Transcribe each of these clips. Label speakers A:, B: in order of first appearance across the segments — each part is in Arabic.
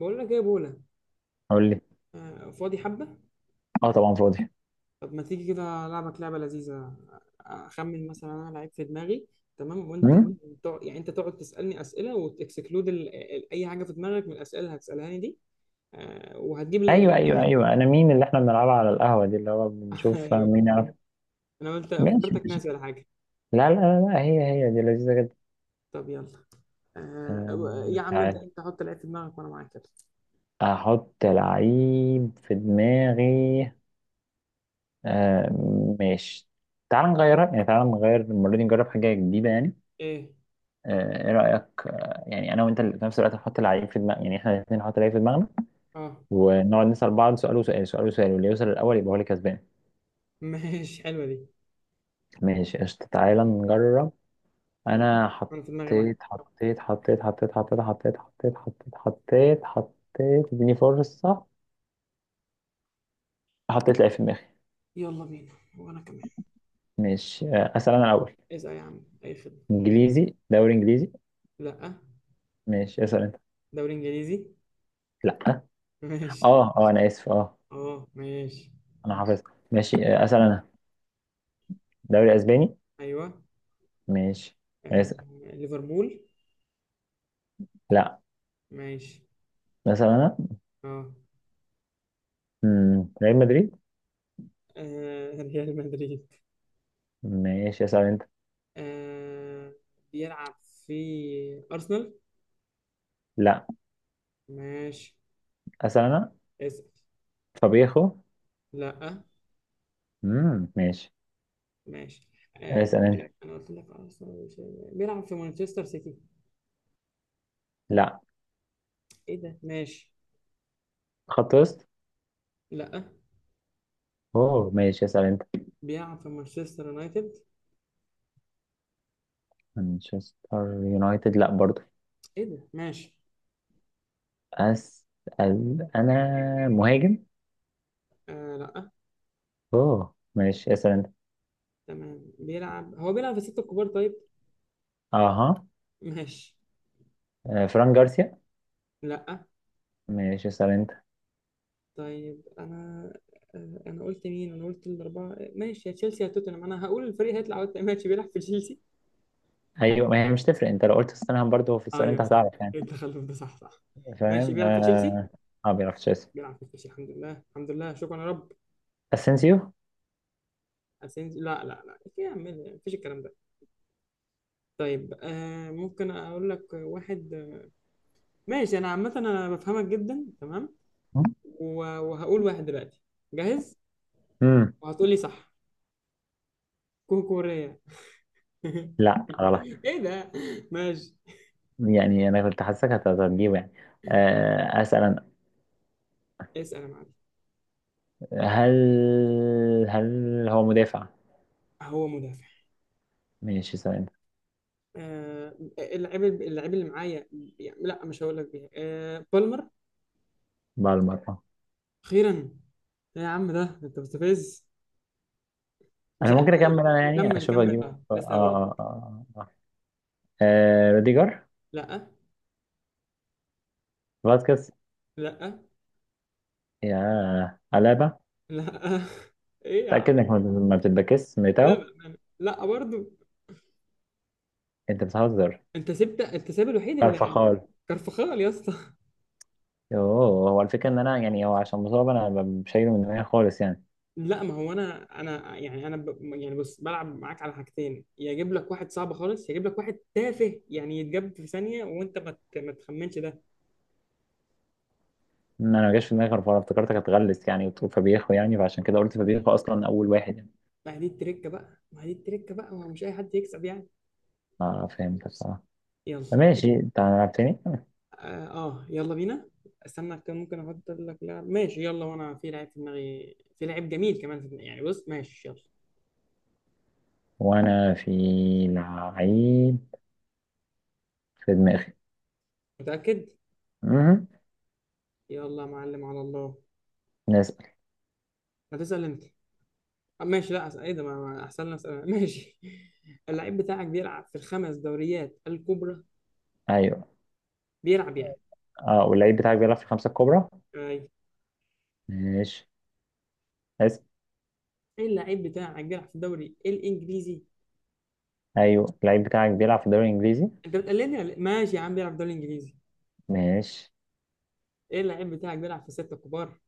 A: بقول لك ايه يا بولا؟
B: قول لي.
A: آه، فاضي حبه.
B: اه طبعا فاضي.
A: طب ما تيجي كده العبك لعبه لذيذه. اخمن مثلا انا لعيب في دماغي، تمام؟ وانت؟
B: مم؟
A: يعني انت تقعد تسالني اسئله وتكسكلود اي حاجه في دماغك من الاسئله اللي هتسالها لي دي. آه، وهتجيب لعيب في
B: ايوه ايوه
A: الاخر.
B: ايوه، انا مين؟ اللي احنا بنلعبها على القهوه دي اللي هو بنشوف
A: ايوه.
B: مين يعرف.
A: انا قلت
B: ماشي
A: افتكرتك
B: ماشي.
A: ناسي ولا حاجه.
B: لا لا لا لا، هي هي دي لذيذه جدا.
A: طب يلا.
B: آه،
A: آه، يا عم ابدا
B: تعال
A: انت حط لعيب في دماغك وانا معاك، يلا.
B: احط لعيب في دماغي. آه ماشي. تعال نغيرها، يعني تعال نغير المره دي نجرب حاجه جديده يعني.
A: ايه؟
B: آه ايه رايك؟ آه يعني انا وانت اللي في نفس الوقت نحط لعيب في دماغنا، يعني احنا الاثنين نحط لعيب في دماغنا،
A: اه.
B: ونقعد نسال بعض سؤال وسؤال سؤال وسؤال، واللي يوصل الاول يبقى هو اللي كسبان.
A: ماشي حلوه دي.
B: ماشي قشطه، تعالى نجرب. انا
A: انا في دماغي واحد.
B: حطيت حطيت حطيت حطيت حطيت حطيت حطيت حطيت حطيت حطيت، اديني فرصة. حطيت لعيب في دماغي.
A: يلا بينا، وانا كمان.
B: ماشي آه، اسأل انا الاول.
A: اسال يا عم، اي خدمه.
B: انجليزي، دوري انجليزي.
A: لا.
B: ماشي، اسأل انت.
A: دوري انجليزي.
B: لا.
A: ماشي.
B: اه انا اسف اه.
A: اه ماشي.
B: انا حافظ. ماشي آه، اسأل انا. دوري اسباني.
A: ايوه.
B: ماشي.
A: آه.
B: اسأل.
A: ليفربول.
B: لا.
A: ماشي.
B: اسأل انا.
A: اه.
B: ريال مدريد.
A: آه، ريال مدريد.
B: ماشي، اسأل انت.
A: آه. بيلعب في ارسنال.
B: لا.
A: ماشي.
B: اسأل انا.
A: اسال.
B: فابيخو.
A: لا.
B: ماشي.
A: ماشي. آه.
B: اسأل انت.
A: انا قلت لك ارسنال، مش بيلعب في مانشستر سيتي.
B: لا.
A: ايه ده؟ ماشي.
B: خط وسط.
A: لا،
B: اوه ماشي، اسأل انت.
A: بيلعب في مانشستر يونايتد.
B: مانشستر يونايتد لا برضو.
A: ايه ده؟ ماشي.
B: اسال انا. مهاجم.
A: آه. لا.
B: اوه ماشي، اسال انت.
A: تمام، بيلعب. هو بيلعب في الستة الكبار، طيب؟
B: اها.
A: ماشي.
B: آه، فران جارسيا.
A: لا.
B: ماشي، اسال انت.
A: طيب. انا آه، انا قلت مين؟ انا قلت الاربعه ماشي، يا تشيلسي يا توتنهام، انا هقول الفريق هيطلع وقت ماشي. بيلعب في تشيلسي.
B: ايوه، ما هي مش تفرق، انت لو قلت ستانهام برضو في
A: آه،
B: السؤال انت
A: ايوه صح.
B: هتعرف يعني.
A: ايه التخلف ده، صح صح. ماشي،
B: فاهم اه.
A: بيلعب في تشيلسي.
B: آه، ما بيعرفش. اسال.
A: بيلعب في تشيلسي، الحمد لله الحمد لله، شكرا يا رب.
B: اسينسيو.
A: اسينسيو؟ لا لا لا، إيه يا عم؟ إيه؟ مفيش الكلام ده. طيب آه، ممكن اقول لك واحد؟ ماشي، انا عامه انا بفهمك جدا، تمام. وهقول واحد دلوقتي. جاهز؟
B: امم
A: وهتقول لي صح. كوكوريا.
B: لا غلط.
A: ايه ده؟ ماشي.
B: يعني انا كنت حاسسك هتجيبه يعني. آه، اسال انا.
A: اسال يا معلم.
B: هل هل هو مدافع؟
A: هو مدافع.
B: ماشي، اسال انت.
A: آه، اللعيب اللي معايا، يعني لا مش هقول لك بيها. آه، بالمر.
B: بالمره.
A: اخيرا. إيه يا عم ده، انت مستفز. مش
B: انا
A: عارف.
B: ممكن اكمل انا، يعني
A: كمل
B: اشوف
A: كمل،
B: اجيبه.
A: اه
B: اه
A: لسه هقول
B: اه
A: لك.
B: اه اه آه، روديجر.
A: لا.
B: فاسكيز.
A: لا.
B: يا علابة.
A: لا. ايه يا
B: تأكد
A: عم؟
B: انك ما بتتبكس
A: لا
B: ميتاو.
A: بأمانة. لا برضو.
B: انت بتهزر.
A: انت سبت، انت ساب الوحيد اللي.
B: كارفاخال.
A: كرفخال يا اسطى.
B: يوه، هو الفكرة ان انا يعني، هو عشان مصاب انا شايله من دماغي خالص يعني.
A: لا، ما هو انا يعني يعني بص، بلعب معاك على حاجتين، يا اجيب لك واحد صعب خالص يا اجيب لك واحد تافه يعني يتجاب في ثانيه وانت ما تخمنش ده.
B: إن انا ما جاش في دماغي كارفاخال، افتكرتك هتغلس يعني وتقول فابيخو، يعني فعشان كده قلت فابيخو اصلا اول واحد يعني.
A: ما هي دي التركة بقى، ما هي دي التركة بقى، ما هو مش أي حد يكسب يعني.
B: اه فهمت بصراحة.
A: يلا.
B: ماشي، انت هنلعب تاني.
A: آه، آه يلا بينا. استنى، كان ممكن أحط لك لاعب ماشي يلا، وأنا في لعيب في دماغي، في لعيب جميل كمان في دماغي يعني، بص ماشي يلا.
B: وانا في لعيب في دماغي.
A: متأكد.
B: مهم.
A: يلا يا معلم، على الله.
B: نسأل.
A: هتسأل أنت. آه ماشي، لا أسأل. إيه ده، أحسن لي أسأل أنا. ماشي. اللعيب بتاعك بيلعب في الخمس دوريات الكبرى؟
B: ايوه.
A: بيلعب يعني.
B: اه، واللعيب بتاعك بيلعب في الخمسة الكبرى.
A: أيوة.
B: ماشي. اسم.
A: اللعيب بتاعك بيلعب في الدوري الإنجليزي؟
B: ايوه، اللعيب بتاعك بيلعب في الدوري الانجليزي.
A: أنت بتقلدني ولا إيه؟ ماشي يا عم، بيلعب في الدوري الإنجليزي.
B: ماشي.
A: ايه؟ اللعيب بتاعك بيلعب في الستة الكبار؟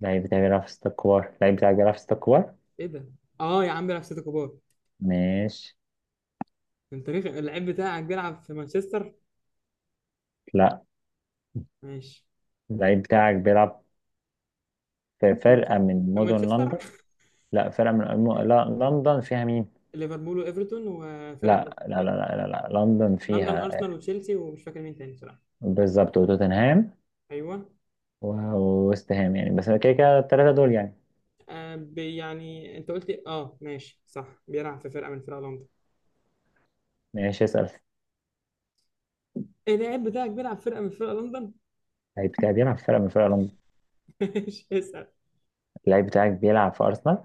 B: اللعيب بتاعك بيلعب في ستة كبار، اللعيب بتاعك بيلعب في ستة كبار.
A: ايه ده؟ اه يا عم، بيلعب في سيتي كبار.
B: ماشي.
A: انت ريخ. اللعيب بتاعك بيلعب في مانشستر؟
B: لا.
A: ماشي.
B: اللعيب بتاعك بيلعب في
A: مانشستر-
B: فرقة من
A: في
B: مدن
A: مانشستر.
B: لندن. لا فرقة من لا، لندن فيها مين؟
A: ليفربول وايفرتون وفرقه
B: لا
A: تالتة.
B: لا لا لا لا, لا. لندن
A: لندن،
B: فيها آه،
A: ارسنال وتشيلسي ومش فاكر مين تاني بصراحه.
B: بالظبط، وتوتنهام
A: ايوه.
B: وويست هام يعني، بس كده كده الثلاثة دول يعني.
A: آه، يعني انت قلت إيه؟ اه ماشي صح، بيلعب في فرقه من فرق لندن.
B: ماشي، اسأل.
A: إيه؟ اللعيب بتاعك بيلعب في فرقه من فرق لندن؟
B: اللعيب بتاعك بيلعب في فرقة من فرق لندن.
A: ماشي، اسال.
B: اللعيب بتاعك بيلعب في أرسنال.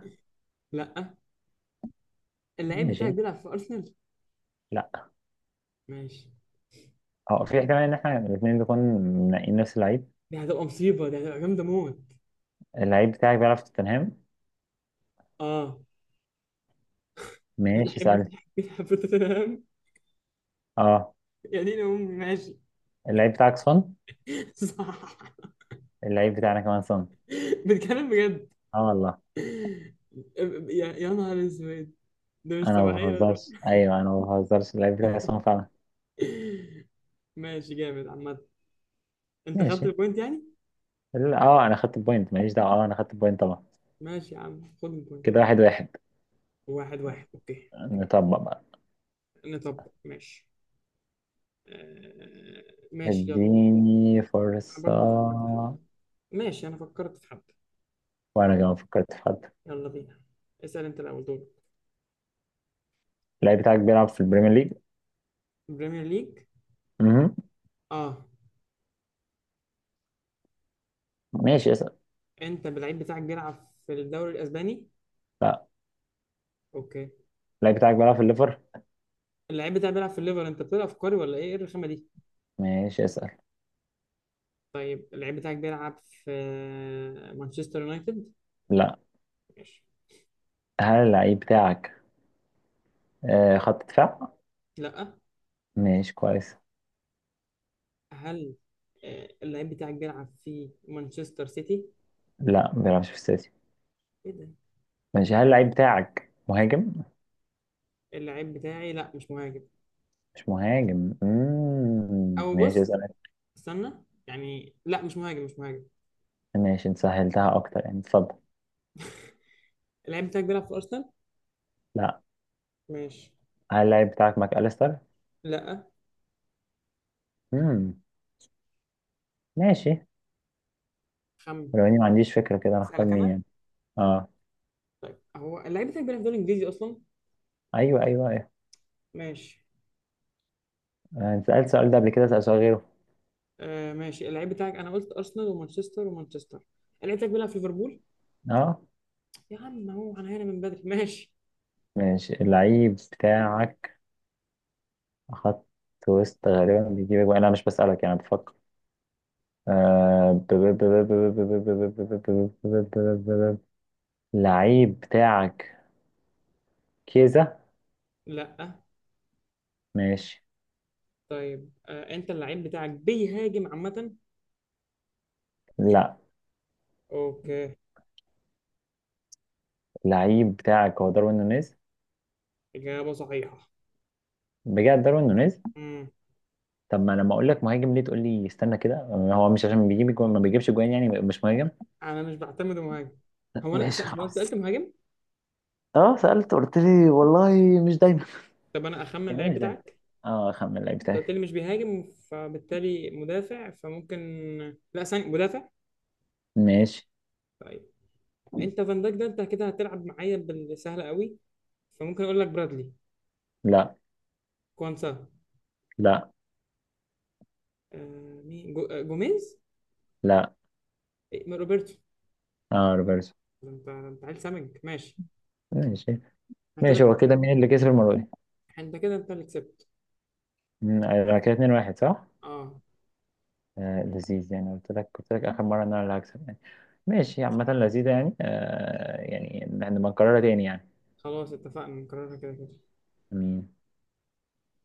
A: لا. اللعيب بتاعك
B: ماشي.
A: بيلعب في ارسنال؟
B: لا.
A: ماشي.
B: اه، في احتمال ان احنا الاثنين نكون منقين نفس اللعيب.
A: دي هتبقى مصيبه، دي هتبقى جامده موت.
B: اللعيب بتاعك بيلعب في توتنهام.
A: اه.
B: ماشي،
A: اللعيب
B: سألت.
A: بتاعك بيلعب في توتنهام؟
B: اه.
A: يا دين امي. ماشي.
B: اللعيب بتاعك سون.
A: صح.
B: اللعيب بتاعنا كمان سون.
A: بتكلم بجد؟
B: اه والله.
A: يا، يا نهار اسود. ده مش
B: انا ما
A: طبيعية.
B: بهزرش، ايوه انا ما بهزرش، اللعيب بتاعي سون فعلا.
A: ماشي جامد عامة. انت خدت
B: ماشي.
A: البوينت يعني؟
B: لا، اه انا خدت البوينت، ماليش دعوه، اه انا خدت البوينت طبعا.
A: ماشي يا عم، خد البوينت.
B: كده واحد واحد.
A: واحد واحد، اوكي.
B: نطبق بقى.
A: نطبق، ماشي. آه. ماشي يلا.
B: اديني
A: انا
B: فرصه.
A: برضه فكرت في حد. ماشي، انا فكرت في حد.
B: وانا كمان فكرت في حد.
A: يلا بينا. اسأل انت الاول، دورك.
B: اللعيب بتاعك بيلعب في البريمير ليج.
A: بريمير ليج.
B: مهم.
A: اه.
B: ماشي، اسأل.
A: انت اللعيب بتاعك بيلعب في الدوري الاسباني؟
B: لا.
A: اوكي.
B: اللعيب بتاعك بيلعب في الليفر.
A: اللعيب بتاعك بيلعب في الليفر، انت بتلعب في كوري ولا ايه؟ ايه الرخامة دي؟
B: ماشي، اسأل.
A: طيب اللعيب بتاعك بيلعب في مانشستر يونايتد؟
B: لا.
A: ماشي.
B: هل اللعيب بتاعك آه، خط دفاع؟
A: لا.
B: ماشي كويس.
A: هل آه، اللعيب بتاعك بيلعب في مانشستر سيتي؟
B: لا ما بيلعبش في السيتي.
A: ايه ده؟
B: ماشي، هل اللعيب بتاعك مهاجم؟
A: اللعيب بتاعي، لا مش مهاجم.
B: مش مهاجم. مم.
A: او
B: ماشي،
A: بص،
B: اسأل أنت.
A: استنى، يعني لا مش مهاجم، مش مهاجم.
B: ماشي، انت سهلتها اكتر يعني، اتفضل.
A: اللعيب بتاعك بيلعب في ارسنال؟
B: لا.
A: ماشي.
B: هل اللعيب بتاعك ماك أليستر؟
A: لا.
B: مم. ماشي.
A: خم.
B: ولو اني ما عنديش فكرة، كده انا اختار
A: اسالك
B: مين
A: انا؟
B: يعني. اه.
A: طيب هو اللعيب بتاعك بيلعب في الدوري الانجليزي اصلا؟
B: ايوه ايوه ايوه.
A: ماشي.
B: آه، انت سألت السؤال ده قبل كده، اسأل سؤال غيره.
A: آه ماشي، اللعيب بتاعك انا قلت ارسنال ومانشستر ومانشستر. اللعيب بتاعك بيلعب في ليفربول؟
B: اه
A: يا عم، هو انا هنا من بدري. ماشي.
B: ماشي. اللعيب بتاعك خط وسط، غالبا بيجيب أجوان. انا مش بسألك يعني، بفكر. آه، لعيب بتاعك كيزا.
A: لا.
B: ماشي.
A: طيب آه، انت اللعيب بتاعك بيهاجم عامة؟
B: لا.
A: اوكي.
B: لعيب بتاعك هو داروين نونيز.
A: إجابة صحيحة.
B: بجد داروين نونيز.
A: امم.
B: طب ما أنا لما اقول لك مهاجم ليه تقول لي استنى كده؟ هو مش عشان بيجيب جوان ما بيجيبش جوان يعني مش مهاجم.
A: انا مش بعتمد مهاجم.
B: ماشي
A: هو أنا سألت
B: خلاص.
A: مهاجم.
B: اه سألت، قلت لي والله مش دايما.
A: طب انا اخمن
B: يعني ايه
A: اللعيب
B: مش ده؟
A: بتاعك.
B: اه، خمن اللعيب
A: انت قلت
B: بتاعي.
A: لي مش بيهاجم، فبالتالي مدافع. فممكن. لا ثاني مدافع.
B: ماشي.
A: طيب. انت فان دايك ده، انت كده هتلعب معايا بالسهلة قوي. فممكن اقول لك برادلي.
B: لا
A: كوانسا.
B: لا
A: آه مين آه، جوميز.
B: لا.
A: إيه، ما روبرتو.
B: اه، روبرتسون.
A: ده انت، ده انت عيل سمج. ماشي.
B: ماشي.
A: انا كده.
B: ماشي، هو كده مين اللي كسب المره دي؟
A: انت كده، انت اللي كسبت.
B: مم، آه، كده 2-1 صح؟
A: اه.
B: آه لذيذ يعني، قلت لك قلت لك آخر مرة إن أنا اللي هكسب يعني. ماشي عامة، لذيذة يعني. آه يعني إحنا بنكررها تاني
A: خلاص اتفقنا نكررها كده كده.
B: يعني.